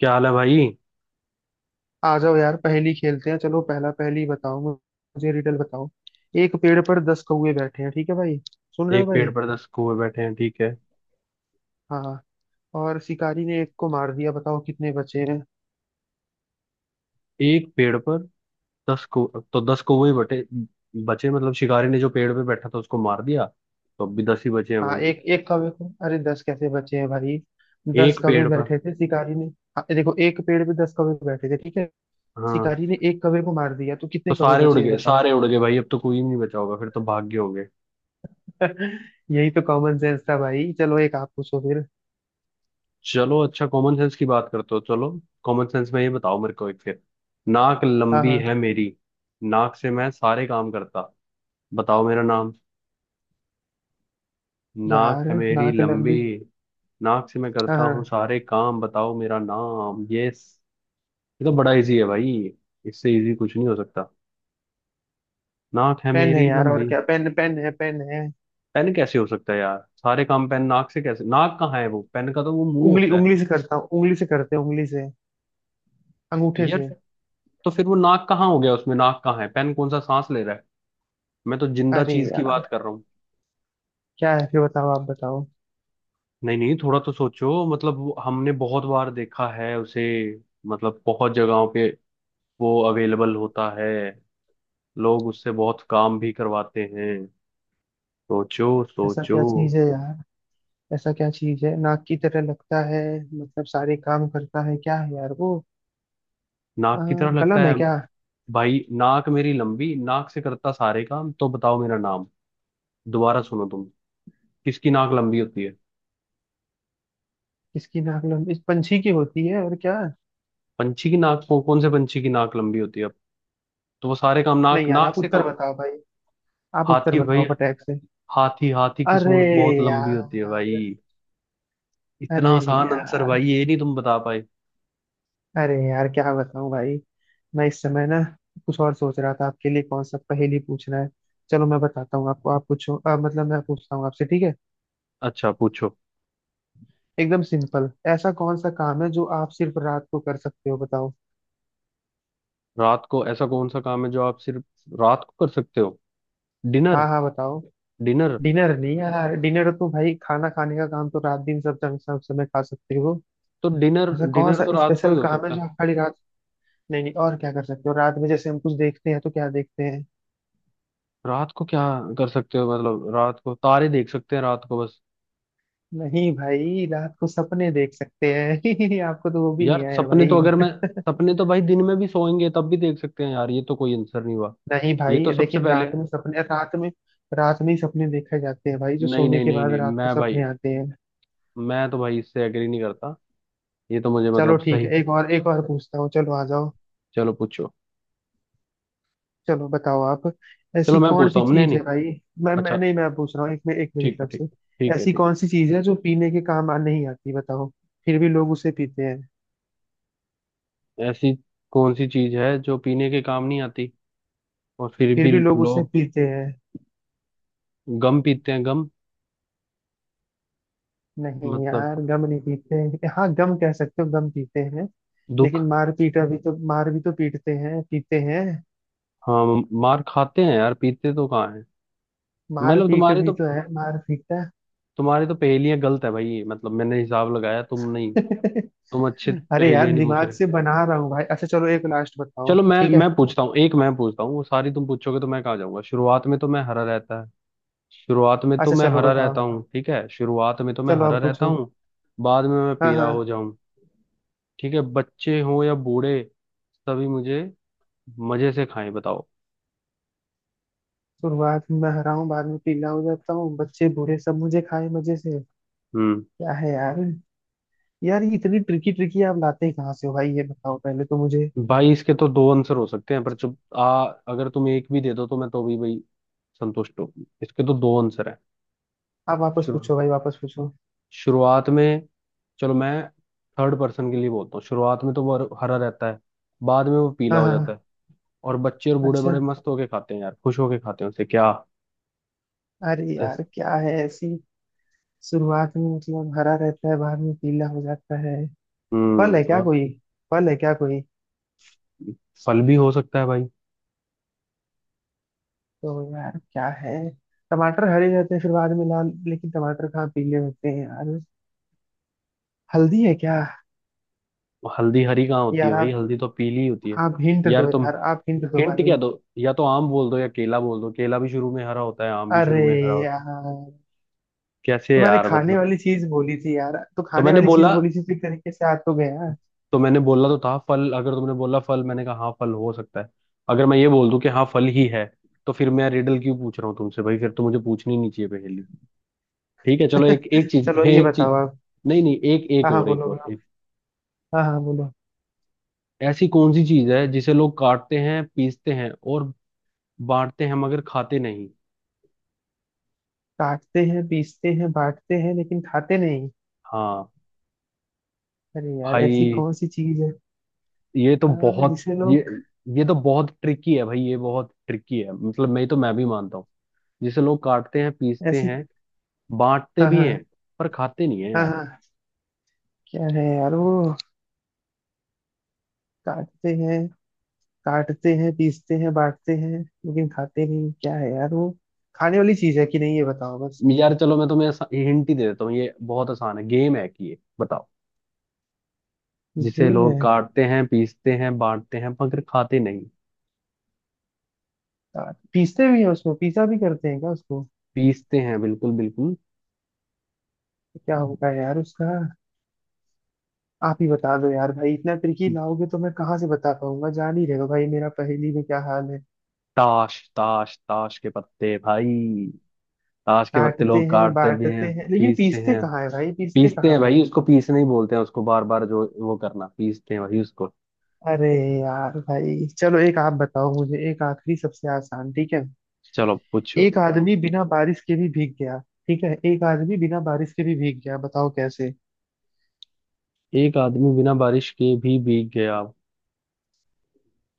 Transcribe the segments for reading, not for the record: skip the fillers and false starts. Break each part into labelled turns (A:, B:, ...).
A: क्या हाल है भाई।
B: आ जाओ यार, पहेली खेलते हैं। चलो, पहला पहेली बताओ मुझे, रिडल बताओ। एक पेड़ पर 10 कौवे बैठे हैं, ठीक है भाई? सुन रहे हो
A: एक पेड़
B: भाई?
A: पर दस कौवे बैठे हैं, ठीक है।
B: हाँ। और शिकारी ने एक को मार दिया, बताओ कितने बचे हैं?
A: एक पेड़ पर दस को, तो दस कौवे ही बटे बचे, मतलब शिकारी ने जो पेड़ पे बैठा था उसको मार दिया, तो अब भी दस ही बचे हैं
B: हाँ,
A: भाई।
B: एक एक कौवे को। अरे 10 कैसे बचे हैं भाई? 10
A: एक
B: कौवे
A: पेड़ पर,
B: बैठे थे, शिकारी ने। हाँ, देखो, एक पेड़ पे 10 कौवे बैठे थे, ठीक है।
A: हाँ,
B: शिकारी ने एक कौवे को मार दिया, तो
A: तो
B: कितने कौवे
A: सारे उड़
B: बचे हैं
A: गए,
B: बताओ?
A: सारे उड़ गए भाई, अब तो कोई नहीं बचा होगा, फिर तो भाग गए होंगे।
B: यही तो कॉमन सेंस था भाई। चलो, एक आप पूछो फिर।
A: चलो, अच्छा कॉमन सेंस की बात करते हो, चलो। कॉमन सेंस में ये बताओ मेरे को, एक फिर, नाक
B: हाँ
A: लंबी है
B: हाँ।
A: मेरी, नाक से मैं सारे काम करता, बताओ मेरा नाम। नाक
B: यार,
A: है मेरी
B: नाक
A: लंबी,
B: लंबी।
A: नाक से मैं
B: हाँ
A: करता हूँ
B: हाँ।
A: सारे काम, बताओ मेरा नाम। यस। ये तो बड़ा इजी है भाई, इससे इजी कुछ नहीं हो सकता। नाक है
B: पेन है
A: मेरी
B: यार, और
A: लंबी।
B: क्या। पेन पेन है, पेन है।
A: पेन कैसे हो सकता है यार, सारे काम पेन नाक से कैसे, नाक कहाँ है वो पेन का, तो वो मुंह
B: उंगली,
A: होता है।
B: उंगली से करता हूँ। उंगली से करते हैं, उंगली से। अंगूठे
A: यार,
B: से।
A: तो फिर वो नाक कहाँ हो गया उसमें, नाक कहाँ है, पेन कौन सा सांस ले रहा है। मैं तो जिंदा
B: अरे
A: चीज की बात
B: यार,
A: कर रहा हूँ।
B: क्या है फिर? बताओ, आप बताओ।
A: नहीं नहीं, थोड़ा तो सोचो, मतलब हमने बहुत बार देखा है उसे, मतलब बहुत जगहों पे वो अवेलेबल होता है, लोग उससे बहुत काम भी करवाते हैं, सोचो
B: ऐसा
A: सोचो।
B: क्या चीज है यार? ऐसा क्या चीज है, नाक की तरह लगता है? मतलब सारे काम करता है, क्या है यार वो? आ,
A: नाक की तरह लगता
B: कलम है
A: है।
B: क्या?
A: भाई, नाक मेरी लंबी, नाक से करता सारे काम, तो बताओ मेरा नाम। दोबारा सुनो तुम, किसकी नाक लंबी होती है।
B: किसकी नाक लंबी? इस पंछी की होती है, और क्या।
A: पंछी की नाक, कौन कौन से पंछी की नाक लंबी होती है, तो वो सारे काम
B: नहीं
A: नाक
B: यार,
A: नाक
B: आप
A: से
B: उत्तर
A: काम।
B: बताओ भाई। आप उत्तर
A: हाथी भाई।
B: बताओ फटाक से।
A: हाथी, हाथी की
B: अरे
A: सूंड बहुत लंबी होती है भाई।
B: यार।
A: इतना
B: अरे
A: आसान आंसर भाई,
B: यार।
A: ये नहीं तुम बता पाए।
B: अरे यार, क्या बताऊं भाई? मैं इस समय ना, कुछ और सोच रहा था, आपके लिए कौन सा पहेली पूछना है। चलो, मैं बताता हूँ आपको। आप पूछो। मतलब मैं पूछता हूँ आपसे, ठीक है?
A: अच्छा पूछो।
B: एकदम सिंपल। ऐसा कौन सा काम है जो आप सिर्फ रात को कर सकते हो, बताओ।
A: रात को ऐसा कौन सा काम है जो आप सिर्फ रात को कर सकते हो। डिनर।
B: हाँ हाँ, बताओ।
A: डिनर।
B: डिनर नहीं यार। डिनर तो भाई, खाना खाने का काम तो रात दिन सब जंग सब समय खा सकते हो।
A: तो डिनर
B: ऐसा कौन
A: डिनर
B: सा
A: तो रात को ही
B: स्पेशल
A: हो
B: काम है
A: सकता
B: जो
A: है।
B: आप खाली रात, नहीं नहीं, और क्या कर सकते हो रात में? जैसे हम कुछ देखते हैं, तो क्या देखते हैं?
A: रात को क्या कर सकते हो, मतलब रात को तारे देख सकते हैं, रात को बस।
B: नहीं भाई, रात को सपने देख सकते हैं। आपको तो वो भी नहीं
A: यार,
B: आया
A: सपने तो
B: भाई।
A: अगर मैं सपने तो भाई दिन में भी सोएंगे तब भी देख सकते हैं यार, ये तो कोई आंसर नहीं हुआ।
B: नहीं
A: ये
B: भाई,
A: तो सबसे
B: देखिए,
A: पहले
B: रात में सपने, रात में, रात में ही सपने देखे जाते हैं भाई, जो
A: नहीं
B: सोने
A: नहीं
B: के
A: नहीं
B: बाद
A: नहीं,
B: रात को सपने आते हैं।
A: मैं तो भाई इससे एग्री नहीं करता, ये तो मुझे
B: चलो
A: मतलब
B: ठीक
A: सही।
B: है, एक और, एक और पूछता हूँ। चलो आ जाओ।
A: चलो पूछो।
B: चलो बताओ आप।
A: चलो
B: ऐसी
A: मैं
B: कौन
A: पूछता
B: सी
A: हूँ, नहीं
B: चीज
A: नहीं।
B: है भाई? मैं
A: अच्छा।
B: मैं नहीं, मैं पूछ रहा हूँ, एक में एक मेरी
A: ठीक है,
B: तरफ
A: ठीक
B: से।
A: है, ठीक है,
B: ऐसी
A: ठीक
B: कौन सी चीज है जो पीने के काम आ नहीं आती, बताओ? फिर भी लोग उसे पीते हैं।
A: है। ऐसी कौन सी चीज है जो पीने के काम नहीं आती, और फिर
B: फिर
A: भी
B: भी लोग उसे
A: लोग।
B: पीते हैं।
A: गम पीते हैं, गम।
B: नहीं
A: मतलब
B: यार, गम नहीं पीते हैं। हाँ, गम कह सकते हो, गम पीते हैं।
A: दुख।
B: लेकिन मार पीटा भी तो, मार भी तो पीटते हैं, पीते हैं।
A: हाँ। मार खाते हैं यार, पीते तो कहाँ।
B: मार
A: मतलब
B: पीट
A: तुम्हारी तो
B: भी तो है, मार पीटा।
A: तुम्हारी तो पहेलियां गलत है भाई, मतलब मैंने हिसाब लगाया तुम नहीं। तुम अच्छे
B: अरे यार,
A: पहेलियां नहीं पूछ
B: दिमाग
A: रहे।
B: से बना रहा हूँ भाई। अच्छा चलो, एक लास्ट बताओ,
A: चलो मैं
B: ठीक है?
A: मैं पूछता हूँ, एक मैं पूछता हूँ, वो सारी तुम पूछोगे तो मैं कहाँ जाऊंगा। शुरुआत में तो मैं हरा रहता है, शुरुआत में तो
B: अच्छा
A: मैं
B: चलो
A: हरा रहता
B: बताओ।
A: हूँ, ठीक है, शुरुआत में तो मैं
B: चलो
A: हरा
B: आप
A: रहता
B: पूछो।
A: हूँ, बाद में मैं
B: हाँ
A: पीला हो
B: हाँ।
A: जाऊं, ठीक है। बच्चे हों या बूढ़े, सभी मुझे मजे से खाएं, बताओ।
B: शुरुआत में मैं हरा हूँ, बाद में पीला हो जाता हूँ, बच्चे बूढ़े सब मुझे खाए मजे से।
A: हम्म।
B: क्या है यार? यार, ये इतनी ट्रिकी ट्रिकी आप लाते ही कहाँ से हो भाई? ये बताओ पहले तो मुझे।
A: भाई, इसके तो दो आंसर हो सकते हैं, पर चुप आ, अगर तुम एक भी दे दो तो मैं तो भी भाई संतुष्ट हूँ, इसके तो दो आंसर है।
B: आप वापस
A: शुरू
B: पूछो भाई, वापस पूछो।
A: शुरुआत में, चलो मैं थर्ड पर्सन के लिए बोलता हूँ, शुरुआत में तो वो हरा रहता है, बाद में वो पीला
B: हाँ
A: हो
B: हाँ
A: जाता
B: हाँ,
A: है, और बच्चे और बूढ़े बड़े
B: अच्छा।
A: मस्त होके खाते हैं यार, खुश होके खाते हैं उसे क्या।
B: अरे
A: बस।
B: यार, क्या है ऐसी? शुरुआत में मतलब हरा रहता है, बाद में पीला हो जाता है। फल है
A: हम्म,
B: क्या
A: और,
B: कोई? फल है क्या कोई?
A: फल भी हो सकता है भाई।
B: तो यार क्या है? टमाटर हरे रहते हैं, फिर बाद में लाल, लेकिन टमाटर कहाँ पीले होते हैं यार। हल्दी है क्या?
A: हल्दी हरी कहाँ होती है
B: यार
A: भाई,
B: आप
A: हल्दी तो पीली ही होती है।
B: आप हिंट
A: यार
B: दो
A: तुम,
B: यार, आप हिंट दो
A: हिंट
B: भाई।
A: क्या दो, या तो आम बोल दो या केला बोल दो, केला भी शुरू में हरा होता है, आम भी
B: अरे
A: शुरू में हरा होता है,
B: यार।
A: कैसे
B: तो मैंने
A: यार,
B: खाने
A: मतलब।
B: वाली चीज बोली थी यार, तो
A: तो
B: खाने
A: मैंने
B: वाली चीज
A: बोला
B: बोली थी, तो एक तरीके से आ तो गया।
A: तो मैंने बोला तो था फल, अगर तुमने बोला फल मैंने कहा हाँ फल हो सकता है, अगर मैं ये बोल दूं कि हाँ फल ही है, तो फिर मैं रिडल क्यों पूछ रहा हूँ तुमसे भाई, फिर तो मुझे पूछनी नहीं चाहिए पहेली, ठीक है। चलो एक, एक चीज
B: चलो
A: है,
B: ये
A: एक
B: बताओ
A: चीज।
B: आप।
A: नहीं नहीं, एक, एक
B: हाँ हाँ,
A: और, एक
B: बोलो
A: और
B: बोलो।
A: एक।
B: हाँ हाँ, बोलो।
A: ऐसी कौन सी चीज है जिसे लोग काटते हैं, पीसते हैं और बांटते हैं, मगर खाते नहीं।
B: काटते हैं, पीसते हैं, बांटते हैं, लेकिन खाते नहीं।
A: हाँ।
B: अरे यार, ऐसी
A: भाई
B: कौन सी चीज है?
A: ये तो
B: हाँ,
A: बहुत
B: जिसे
A: ये
B: लोग।
A: ये तो बहुत ट्रिकी है भाई, ये बहुत ट्रिकी है, मतलब मैं भी मानता हूँ, जिसे लोग काटते हैं, पीसते
B: ऐसी।
A: हैं, बांटते
B: हाँ
A: भी
B: हाँ
A: हैं, पर खाते नहीं है
B: हाँ
A: यार।
B: हाँ। क्या है यार वो? काटते हैं। काटते हैं, पीसते हैं, बांटते हैं, लेकिन खाते नहीं, क्या है यार वो? खाने वाली चीज है कि नहीं, ये बताओ बस।
A: यार, चलो मैं तुम्हें हिंट ही दे देता हूँ, ये बहुत आसान है, गेम है कि ये बताओ। जिसे
B: गेम है?
A: लोग काटते हैं, पीसते हैं, बांटते हैं, मगर खाते नहीं।
B: पीसते भी हैं, उसको पीसा भी करते हैं क्या उसको?
A: पीसते हैं बिल्कुल, बिल्कुल।
B: क्या होगा यार उसका? आप ही बता दो यार भाई। इतना ट्रिकी लाओगे तो मैं कहाँ से बता पाऊंगा? जान ही रहेगा भाई मेरा, पहेली में क्या हाल है।
A: ताश, ताश, ताश के पत्ते भाई। ताश के पत्ते
B: काटते
A: लोग
B: हैं,
A: काटते भी
B: बांटते
A: हैं,
B: हैं, लेकिन
A: पीसते
B: पीसते
A: हैं
B: कहाँ है भाई? पीसते
A: पीसते हैं
B: कहाँ है?
A: भाई, उसको पीसना ही बोलते हैं उसको, बार बार जो वो करना, पीसते हैं भाई उसको।
B: अरे यार भाई, चलो एक आप बताओ मुझे, एक आखिरी, सबसे आसान, ठीक है?
A: चलो पूछो।
B: एक आदमी बिना बारिश के भी भीग गया, ठीक है? एक आदमी बिना बारिश के भी भीग गया, बताओ कैसे?
A: एक आदमी बिना बारिश के भी भीग गया,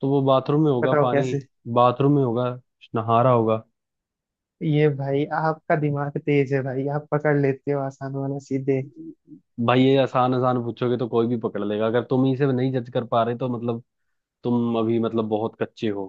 A: तो वो बाथरूम में होगा,
B: बताओ
A: पानी,
B: कैसे?
A: बाथरूम में होगा, नहा रहा होगा।
B: ये भाई आपका दिमाग तेज है भाई, आप पकड़ लेते हो आसान वाला सीधे।
A: भाई ये आसान आसान पूछोगे तो कोई भी पकड़ लेगा, अगर तुम इसे नहीं जज कर पा रहे तो मतलब तुम अभी मतलब बहुत कच्चे हो।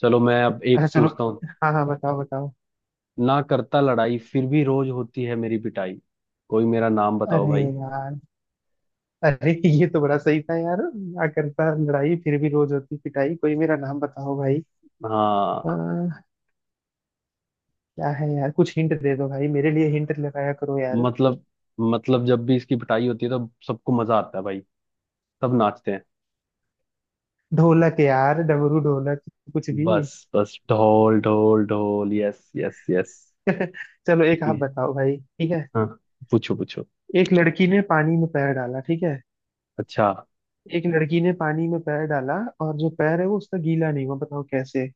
A: चलो मैं अब
B: अच्छा
A: एक
B: चलो।
A: पूछता हूँ।
B: हाँ हाँ, बताओ बताओ।
A: ना करता लड़ाई, फिर भी रोज होती है मेरी पिटाई, कोई मेरा नाम बताओ
B: अरे
A: भाई।
B: यार। अरे, ये तो बड़ा सही था यार। ना करता लड़ाई, फिर भी रोज होती पिटाई, कोई मेरा नाम बताओ भाई।
A: हाँ।
B: आ, क्या है यार? कुछ हिंट दे दो भाई, मेरे लिए हिंट लगाया करो यार।
A: मतलब मतलब जब भी इसकी पिटाई होती है तो सबको मजा आता है भाई, सब नाचते हैं।
B: ढोलक यार, डमरू, ढोलक, कुछ भी।
A: बस बस, ढोल ढोल ढोल, यस यस यस।
B: चलो एक आप बताओ भाई, ठीक है?
A: हाँ, पूछो पूछो।
B: एक लड़की ने पानी में पैर डाला, ठीक है?
A: अच्छा।
B: एक लड़की ने पानी में पैर डाला, और जो पैर है वो उसका गीला नहीं हुआ, बताओ कैसे?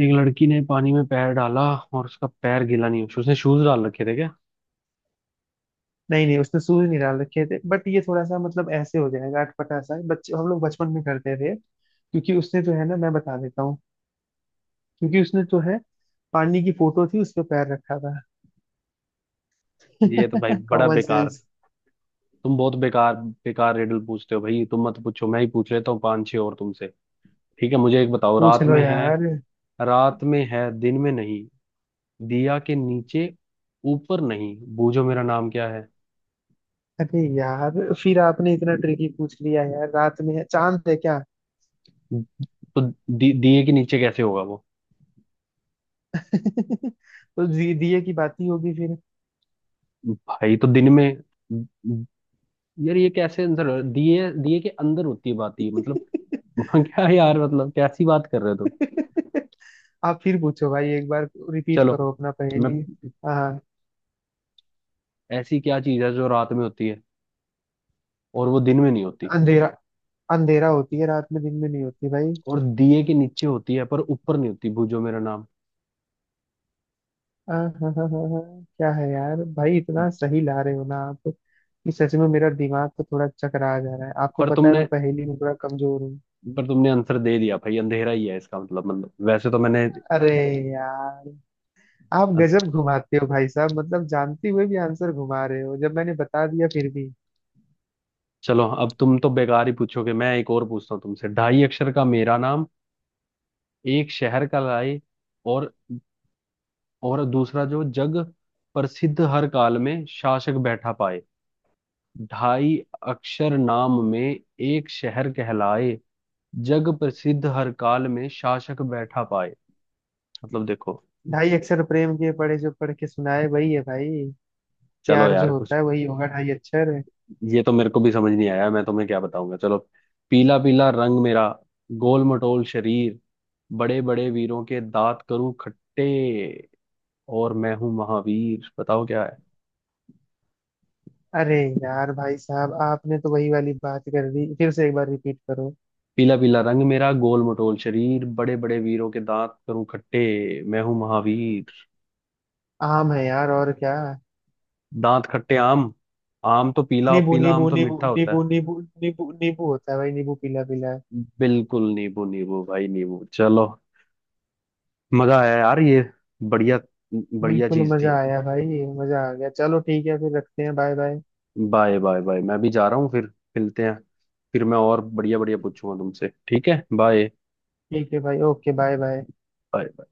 A: एक लड़की ने पानी में पैर डाला, और उसका पैर गीला नहीं हुआ, उसने शूज डाल रखे थे क्या।
B: नहीं नहीं, उसने शूज नहीं डाल रखे थे, बट ये थोड़ा सा मतलब ऐसे हो जाएगा अटपटा सा, बच्चे हम लोग बचपन में करते थे, क्योंकि उसने जो है ना, मैं बता देता हूँ, क्योंकि उसने जो है, पानी की फोटो थी, उस पर पैर रखा था।
A: ये तो भाई बड़ा
B: कॉमन
A: बेकार,
B: सेंस।
A: तुम बहुत बेकार बेकार रिडल पूछते हो भाई, तुम मत पूछो, मैं ही पूछ लेता हूँ पांच छह और तुमसे। ठीक है, मुझे एक बताओ।
B: पूछ
A: रात
B: लो
A: में है,
B: यार।
A: रात में है दिन में नहीं, दिया के नीचे, ऊपर नहीं, बूझो मेरा नाम क्या है।
B: अरे यार, फिर आपने इतना ट्रिकी पूछ लिया यार। रात में है, चांद है क्या?
A: तो दिए के नीचे कैसे होगा वो,
B: तो दिए की बात ही होगी फिर।
A: भाई तो दिन में। यार ये कैसे आंसर, दिए दिए के अंदर होती है बात, ये मतलब। वहाँ क्या यार, मतलब कैसी बात कर रहे हो तुम।
B: आप फिर पूछो भाई, एक बार रिपीट
A: चलो
B: करो अपना
A: मैं,
B: पहेली। हाँ।
A: ऐसी क्या चीज है जो रात में होती है और वो दिन में नहीं होती,
B: अंधेरा। अंधेरा होती है रात में, दिन में नहीं होती भाई।
A: और दिए के नीचे होती है पर ऊपर नहीं होती, बूझो मेरा नाम।
B: हाँ हाँ हाँ हाँ हाँ, क्या है यार भाई? इतना सही ला रहे हो ना आप, कि सच में मेरा दिमाग तो थोड़ा चकरा जा रहा है। आपको
A: पर
B: पता है,
A: तुमने
B: मैं पहेली में थोड़ा कमजोर हूँ।
A: पर तुमने आंसर दे दिया भाई, अंधेरा ही है इसका मतलब, मतलब वैसे तो मैंने।
B: अरे यार, आप गजब घुमाते हो भाई साहब। मतलब जानते हुए भी आंसर घुमा रहे हो, जब मैंने बता दिया फिर भी।
A: चलो अब तुम तो बेकार ही पूछोगे, मैं एक और पूछता हूँ तुमसे। ढाई अक्षर का मेरा नाम, एक शहर का लाए, और और दूसरा जो जग प्रसिद्ध, हर काल में शासक बैठा पाए। ढाई अक्षर नाम में, एक शहर कहलाए, जग प्रसिद्ध, हर काल में शासक बैठा पाए। मतलब देखो,
B: ढाई अक्षर प्रेम के पढ़े, जो पढ़ के सुनाए वही है भाई।
A: चलो
B: प्यार जो
A: यार
B: होता
A: कुछ,
B: है वही होगा, ढाई अक्षर।
A: ये तो मेरे को भी समझ नहीं आया, मैं तुम्हें क्या बताऊंगा। चलो। पीला पीला रंग मेरा, गोल मटोल शरीर, बड़े बड़े वीरों के दांत करूं खट्टे, और मैं हूं महावीर, बताओ क्या है।
B: अरे यार भाई साहब, आपने तो वही वाली बात कर दी, फिर से एक बार रिपीट करो।
A: पीला पीला रंग मेरा, गोल मटोल शरीर, बड़े बड़े वीरों के दांत करूं खट्टे, मैं हूं महावीर।
B: आम है यार, और क्या।
A: दांत खट्टे आम, आम तो पीला
B: नींबू
A: पीला, आम
B: नींबू
A: तो
B: नींबू
A: मीठा होता है।
B: नींबू नींबू नींबू नींबू होता है भाई, नींबू पीला पीला है।
A: बिल्कुल, नींबू, नींबू भाई, नींबू। चलो मजा आया यार, ये बढ़िया, बढ़िया
B: बिल्कुल
A: चीज
B: मजा
A: थी।
B: आया भाई, मजा आ गया। चलो ठीक है, फिर रखते हैं, bye bye.
A: Bye bye bye, मैं भी जा रहा हूँ फिर, मिलते हैं, फिर मैं और बढ़िया बढ़िया पूछूंगा तुमसे, ठीक है, बाय।
B: ठीक है भाई, ओके, बाय बाय।
A: बाय।